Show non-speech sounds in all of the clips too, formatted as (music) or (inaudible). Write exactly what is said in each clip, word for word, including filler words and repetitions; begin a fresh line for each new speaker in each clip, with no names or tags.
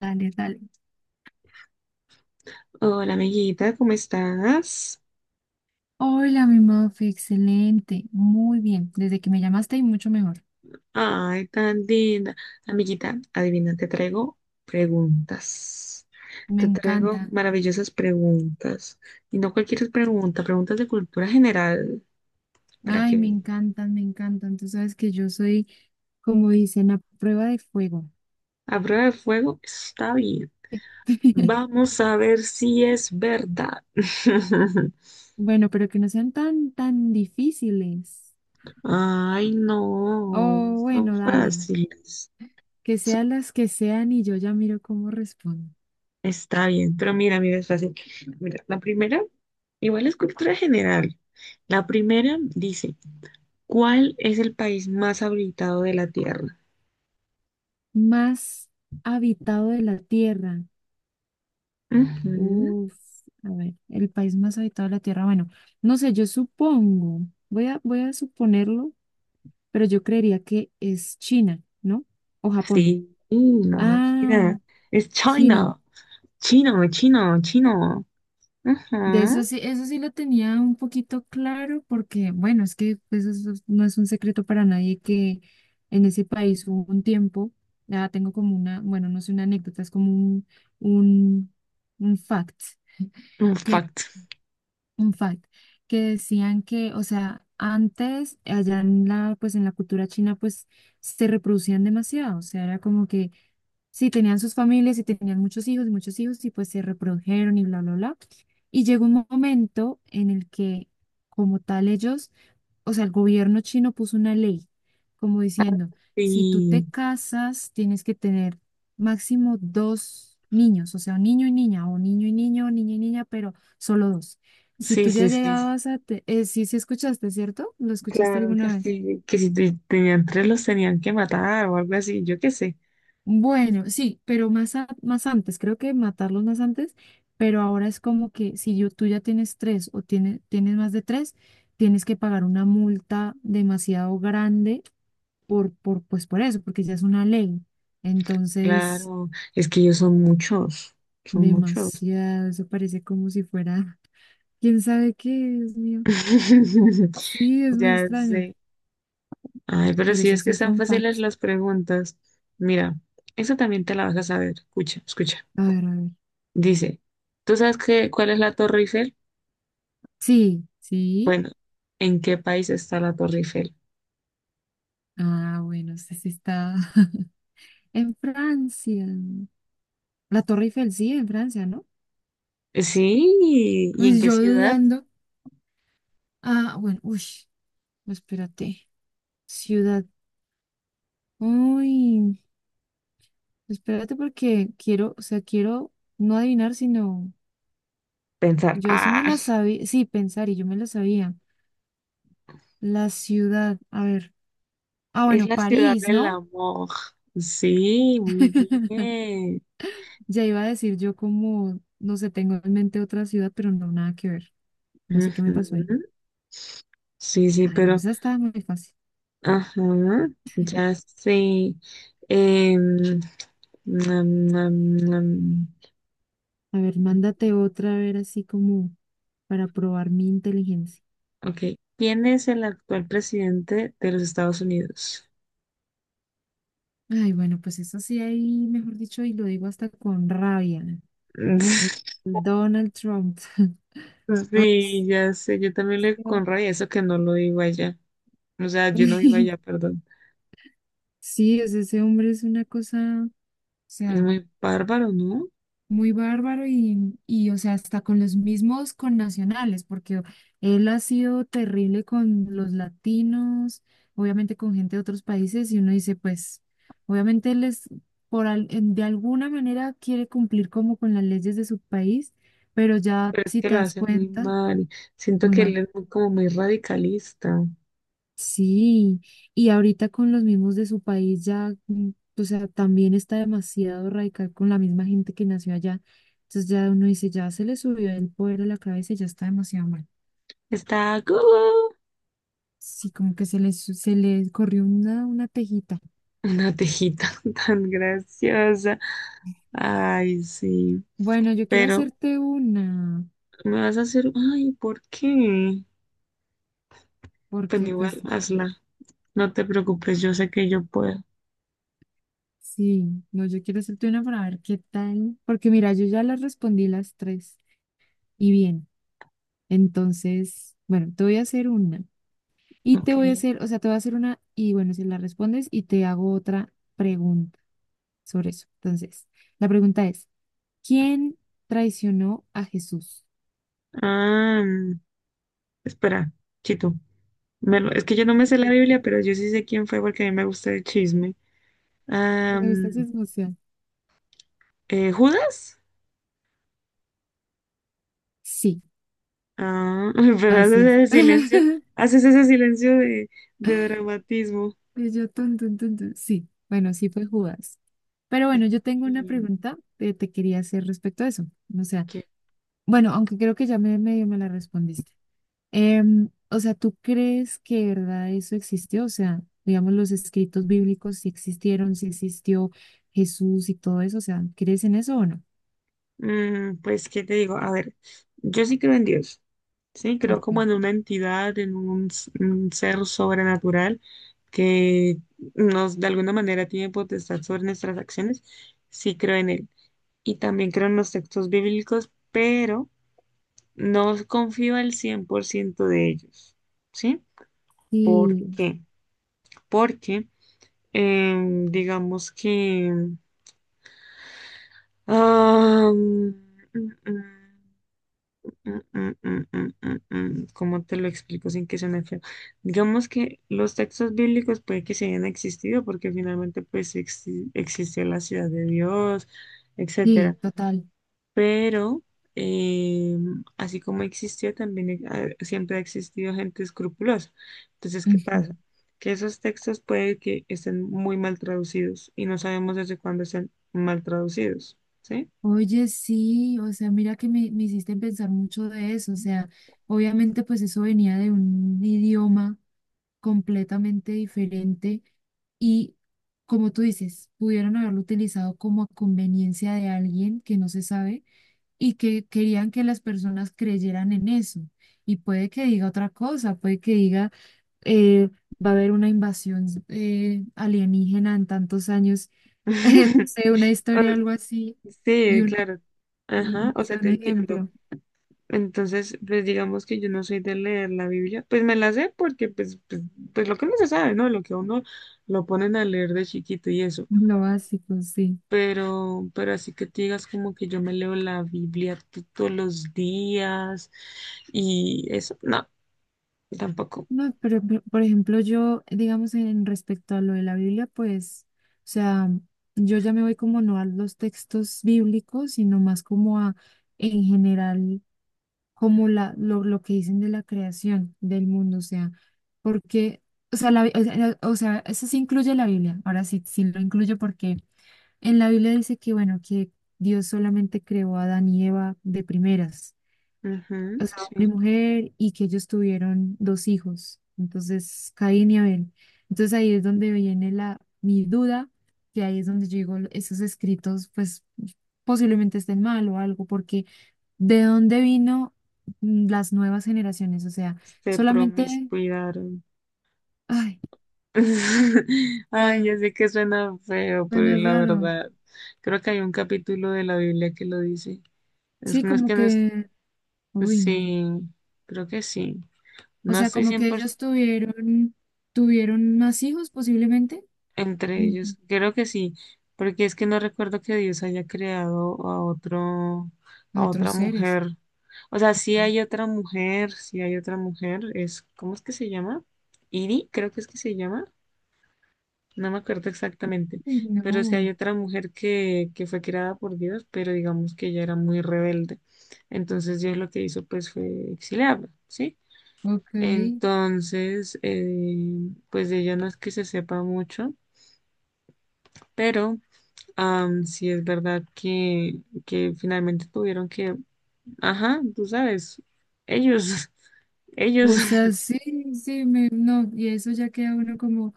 Dale, dale.
Hola, amiguita, ¿cómo estás?
Hola, mi Muffy, excelente. Muy bien. Desde que me llamaste y mucho mejor.
Ay, tan linda. Amiguita, adivina, te traigo preguntas.
Me
Te traigo
encanta.
maravillosas preguntas. Y no cualquier pregunta, preguntas de cultura general para
Ay,
que
me
veas.
encantan, me encantan. Tú sabes que yo soy, como dicen, a prueba de fuego.
A prueba de fuego está bien.
(laughs)
Vamos a ver si es verdad. (laughs)
Bueno, pero que no sean tan, tan difíciles.
Ay, no,
Oh,
son
bueno, dale.
fáciles.
Que
Son-
sean las que sean y yo ya miro cómo respondo.
Está bien, pero mira, mira, es fácil. Mira, la primera, igual es cultura general. La primera dice, ¿cuál es el país más habitado de la Tierra?
Más habitado de la tierra.
Ujú.
Uf, a ver, el país más habitado de la Tierra. Bueno, no sé, yo supongo, voy a, voy a suponerlo, pero yo creería que es China, ¿no? O Japón.
Sí, no,
Ah,
mentira. Es
China.
China. Chino, chino, chino.
De
Ajá.
eso sí, eso sí lo tenía un poquito claro, porque, bueno, es que pues, eso es- no es un secreto para nadie que en ese país hubo un tiempo, ya tengo como una, bueno, no sé, una anécdota, es como un, un, un fact,
Un fact.
un fact, que decían que, o sea, antes, allá en la, pues en la cultura china, pues se reproducían demasiado, o sea, era como que sí tenían sus familias y tenían muchos hijos y muchos hijos y pues se reprodujeron y bla, bla, bla. Y llegó un momento en el que, como tal, ellos, o sea, el gobierno chino puso una ley como diciendo, si tú te
Sí,
casas, tienes que tener máximo dos niños, o sea, un niño y niña, o niño y niño, o niña y niña, pero solo dos. Si
sí,
tú ya
sí, sí.
llegabas a, te- eh, sí, sí escuchaste, ¿cierto? ¿Lo escuchaste
Claro que
alguna vez?
sí. Que si te- tenían tres los tenían que matar o algo así, yo qué sé.
Bueno, sí, pero más, a- más antes, creo que matarlos más antes, pero ahora es como que si yo, tú ya tienes tres o tiene, tienes más de tres, tienes que pagar una multa demasiado grande por, por, pues por eso, porque ya es una ley. Entonces,
Claro, es que ellos son muchos, son muchos.
demasiado, eso parece como si fuera, (laughs) quién sabe qué, Dios mío.
(laughs)
Sí, es muy
Ya
extraño,
sé. Ay, pero
pero
si
sí,
es que
eso fue
están
un fact.
fáciles las preguntas. Mira, eso también te la vas a saber. Escucha, escucha.
A ver, a ver.
Dice, ¿tú sabes qué, cuál es la Torre Eiffel?
Sí, sí.
Bueno, ¿en qué país está la Torre Eiffel?
Ah, bueno, sí, sí está (laughs) en Francia. La Torre Eiffel, sí, en Francia, ¿no?
Sí, ¿y en
Pues
qué
yo
ciudad?
dudando. Ah, bueno, uy, espérate. Ciudad. Uy, espérate porque quiero, o sea, quiero no adivinar, sino...
Pensar,
Yo eso me
ah,
la
(laughs)
sabía, sí, pensar y yo me la sabía. La ciudad, a ver. Ah,
es
bueno,
la ciudad
París,
del
¿no?
amor. Sí, muy
(laughs)
bien.
Ya iba a decir yo como, no sé, tengo en mente otra ciudad, pero no, nada que ver. No sé qué me pasó ahí.
Ujú. Sí, sí,
Ay, no,
pero,
esa estaba muy fácil.
ajá, ya sé. Em, nam, nam, nam.
A ver, mándate otra, a ver, así como para probar mi inteligencia.
Ok. ¿Quién es el actual presidente de los Estados Unidos?
Ay, bueno, pues eso sí ahí, mejor dicho, y lo digo hasta con rabia. El
(laughs)
Donald Trump. (laughs) Ay, sí,
Sí, ya sé, yo
sí,
también
sí,
le
no.
con rabia eso que no lo digo allá. O sea, yo no vivo allá,
(laughs)
perdón.
Sí, o sea, ese hombre es una cosa, o
Es
sea,
muy bárbaro, ¿no?
muy bárbaro y, y, o sea, hasta con los mismos connacionales, porque él ha sido terrible con los latinos, obviamente con gente de otros países, y uno dice, pues, obviamente él es, por, al- en- de alguna manera quiere cumplir como con las leyes de su país, pero ya
Pero es
si
que
te
lo
das
hace muy
cuenta,
mal. Siento
muy
que él
mal.
es muy- como muy radicalista.
Sí, y ahorita con los mismos de su país ya, mm, o sea, también está demasiado radical con la misma gente que nació allá. Entonces ya uno dice, ya se le subió el poder a la cabeza y ya está demasiado mal.
Está como
Sí, como que se le, su- se le corrió una, una tejita.
una tejita (laughs) tan graciosa. Ay, sí.
Bueno, yo quiero
Pero
hacerte una,
me vas a hacer, ay, ¿por qué? Pues
porque pues
igual,
bueno,
hazla. No te preocupes, yo sé que yo puedo.
sí, no, yo quiero hacerte una para ver qué tal, porque mira, yo ya las respondí las tres y bien, entonces, bueno, te voy a hacer una. Y te voy a
Ok.
hacer, o sea, te voy a hacer una y bueno, si la respondes y te hago otra pregunta sobre eso. Entonces, la pregunta es, ¿quién traicionó a Jesús?
Ah, espera, Chito. Me lo- es que yo no me sé la
(laughs)
Biblia, pero yo sí sé quién fue porque a mí me gusta el chisme.
Me gusta esa
Am,
emoción.
eh, ¿Judas?
Sí,
Ah, (laughs) pero haces
así es.
ese silencio,
(laughs)
haces ese silencio de, de dramatismo.
Y yo, tun, tun, tun, tun. Sí, bueno, sí fue Judas. Pero
¿Eh,
bueno, yo tengo una pregunta que te quería hacer respecto a eso. O sea,
qué?
bueno, aunque creo que ya me medio me la respondiste. Em, o sea, ¿tú crees que de verdad eso existió? O sea, digamos, los escritos bíblicos si existieron, si existió Jesús y todo eso. O sea, ¿crees en eso o no?
Mm, pues, ¿qué te digo? A ver, yo sí creo en Dios, sí, creo como
Okay.
en una entidad, en un, s- un ser sobrenatural que nos, de alguna manera, tiene potestad sobre nuestras acciones. Sí creo en él y también creo en los textos bíblicos, pero no confío al cien por ciento de ellos, ¿sí? ¿Por
Sí,
qué? Porque, em, digamos que ah, mm, mm, mm, mm, mm, mm, mm, mm, ¿cómo te lo explico sin que suene feo? Digamos que los textos bíblicos puede que se hayan existido porque finalmente pues exi- existió la ciudad de Dios,
sí,
etcétera,
total.
pero eh, así como existió, también e- ha- siempre ha existido gente escrupulosa. Entonces, ¿qué
Ujú.
pasa? Que esos textos puede que estén muy mal traducidos y no sabemos desde cuándo están mal traducidos, ¿sí?
Oye, sí, o sea, mira que me, me hiciste pensar mucho de eso, o sea, obviamente pues eso venía de un idioma completamente diferente y como tú dices, pudieron haberlo utilizado como a conveniencia de alguien que no se sabe y que querían que las personas creyeran en eso. Y puede que diga otra cosa, puede que diga, eh, va a haber una invasión eh, alienígena en tantos años, (laughs) no
(laughs)
sé, una historia, algo
O-
así, y
Sí,
uno,
claro. Ajá,
o
o sea,
sea,
te
un
entiendo.
ejemplo,
Entonces, pues digamos que yo no soy de leer la Biblia, pues me la sé porque pues, pues, pues lo que uno se sabe, ¿no? Lo que a uno lo ponen a leer de chiquito y eso.
lo básico, sí.
Pero, pero así que te digas como que yo me leo la Biblia to- todos los días y eso, no, tampoco.
No, pero por por ejemplo, yo, digamos, en respecto a lo de la Biblia, pues, o sea, yo ya me voy como no a los textos bíblicos, sino más como a, en general, como la, lo, lo que dicen de la creación del mundo, o sea, porque, o sea, la, Bi- o sea, o sea, eso sí incluye la Biblia, ahora sí, sí lo incluyo porque en la Biblia dice que, bueno, que Dios solamente creó a Adán y Eva de primeras,
Ujú,
o sea, hombre y
sí,
mujer, y que ellos tuvieron dos hijos, entonces Caín y Abel. Entonces ahí es donde viene la, mi duda, que ahí es donde yo digo, esos escritos, pues posiblemente estén mal o algo, porque ¿de dónde vino mm, las nuevas generaciones? O sea,
se
solamente,
promiscuidaron.
ay,
(laughs) Ay,
ah,
ya sé que suena feo, pero
bueno,
la
raro.
verdad, creo que hay un capítulo de la Biblia que lo dice. Es,
Sí,
no es
como
que no es,
que, uy, no.
sí, creo que sí.
O
No
sea,
estoy
como que ellos
cien por ciento.
tuvieron, tuvieron más hijos posiblemente,
Entre
mm,
ellos, creo que sí, porque es que no recuerdo que Dios haya creado a otro,
a
a otra
otros seres.
mujer. O sea, sí
¿No?
hay otra mujer, sí hay otra mujer, es, ¿cómo es que se llama? Iri, creo que es que se llama, no me acuerdo exactamente,
Uy,
pero sí hay
no,
otra mujer que, que fue creada por Dios, pero digamos que ella era muy rebelde. Entonces Dios lo que hizo pues fue exiliarla, ¿sí?
ok.
Entonces, eh, pues de ella no es que se sepa mucho, pero Am, sí es verdad que, que finalmente tuvieron que, ajá, tú sabes, ellos, (laughs) ellos,
O sea, sí, sí, me, no, y eso ya queda uno como,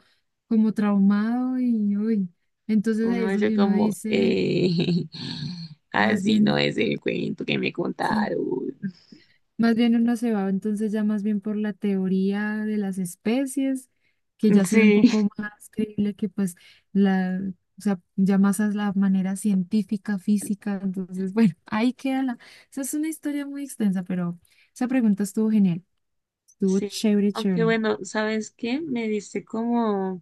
como traumado y uy. Entonces ahí
uno
es
dice
donde uno
como,
dice,
eh, (laughs)
más
así no
bien,
es el cuento que me
sí,
contaron.
más bien uno se va, entonces ya más bien por la teoría de las especies, que ya se ve un
Sí,
poco más creíble que pues la, o sea, ya más a la manera científica, física. Entonces, bueno, (laughs) ahí queda la, esa es una historia muy extensa, pero esa pregunta estuvo genial.
(laughs)
Estuvo
sí.
chévere,
Aunque
chévere.
bueno, ¿sabes qué? Me diste como,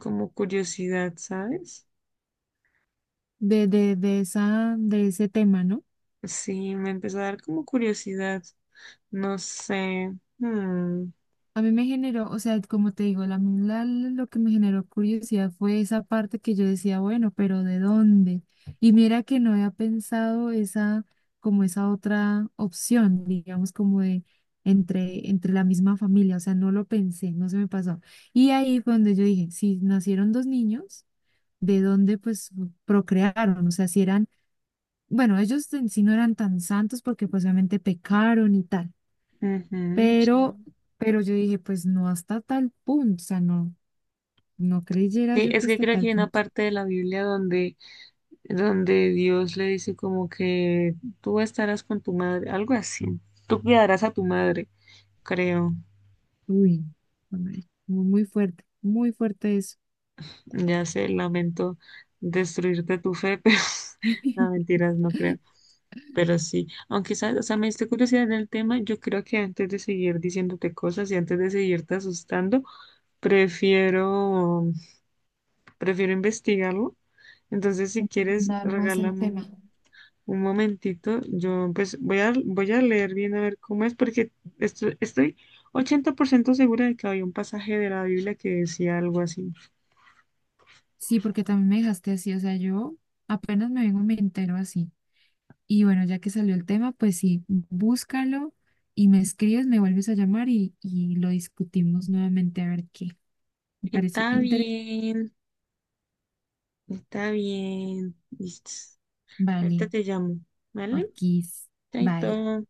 como curiosidad, ¿sabes?
de, de, de esa, de ese tema, ¿no?
Sí, me empezó a dar como curiosidad. No sé. Hmm,
A mí me generó, o sea, como te digo, la, la- lo que me generó curiosidad fue esa parte que yo decía, bueno, pero ¿de dónde? Y mira que no había pensado esa, como esa otra opción, digamos, como de entre, entre la misma familia, o sea, no lo pensé, no se me pasó. Y ahí fue donde yo dije, si nacieron dos niños, ¿de dónde pues procrearon? O sea, si eran, bueno, ellos en sí no eran tan santos porque pues obviamente pecaron y tal.
ujú, sí.
Pero, pero yo dije, pues no hasta tal punto, o sea, no, no creyera
Sí,
yo
es
que
que
hasta
creo que
tal
hay una
punto.
parte de la Biblia donde donde Dios le dice como que tú estarás con tu madre, algo así. Tú cuidarás a tu madre, creo.
Uy, hombre, muy muy fuerte, muy fuerte eso.
Ya sé, lamento destruirte tu fe, (laughs) pero no,
(laughs)
mentiras, no creo. Pero sí, aunque sabes, o sea, me diste curiosidad en el tema, yo creo que antes de seguir diciéndote cosas y antes de seguirte asustando, prefiero, prefiero investigarlo. Entonces, si quieres,
Dar más el
regálame
tema.
un Un momentito, yo pues voy a, voy a leer bien a ver cómo es, porque esto- estoy ochenta por ciento segura de que había un pasaje de la Biblia que decía algo así.
Sí, porque también me dejaste así, o sea, yo apenas me vengo, me entero así. Y bueno, ya que salió el tema, pues sí, búscalo y me escribes, me vuelves a llamar y, y lo discutimos nuevamente a ver qué. Me pareció
Está
interesante.
bien, está bien. Listo. Ahorita
Vale,
te llamo, ¿vale?
ok, bye.
Chaito.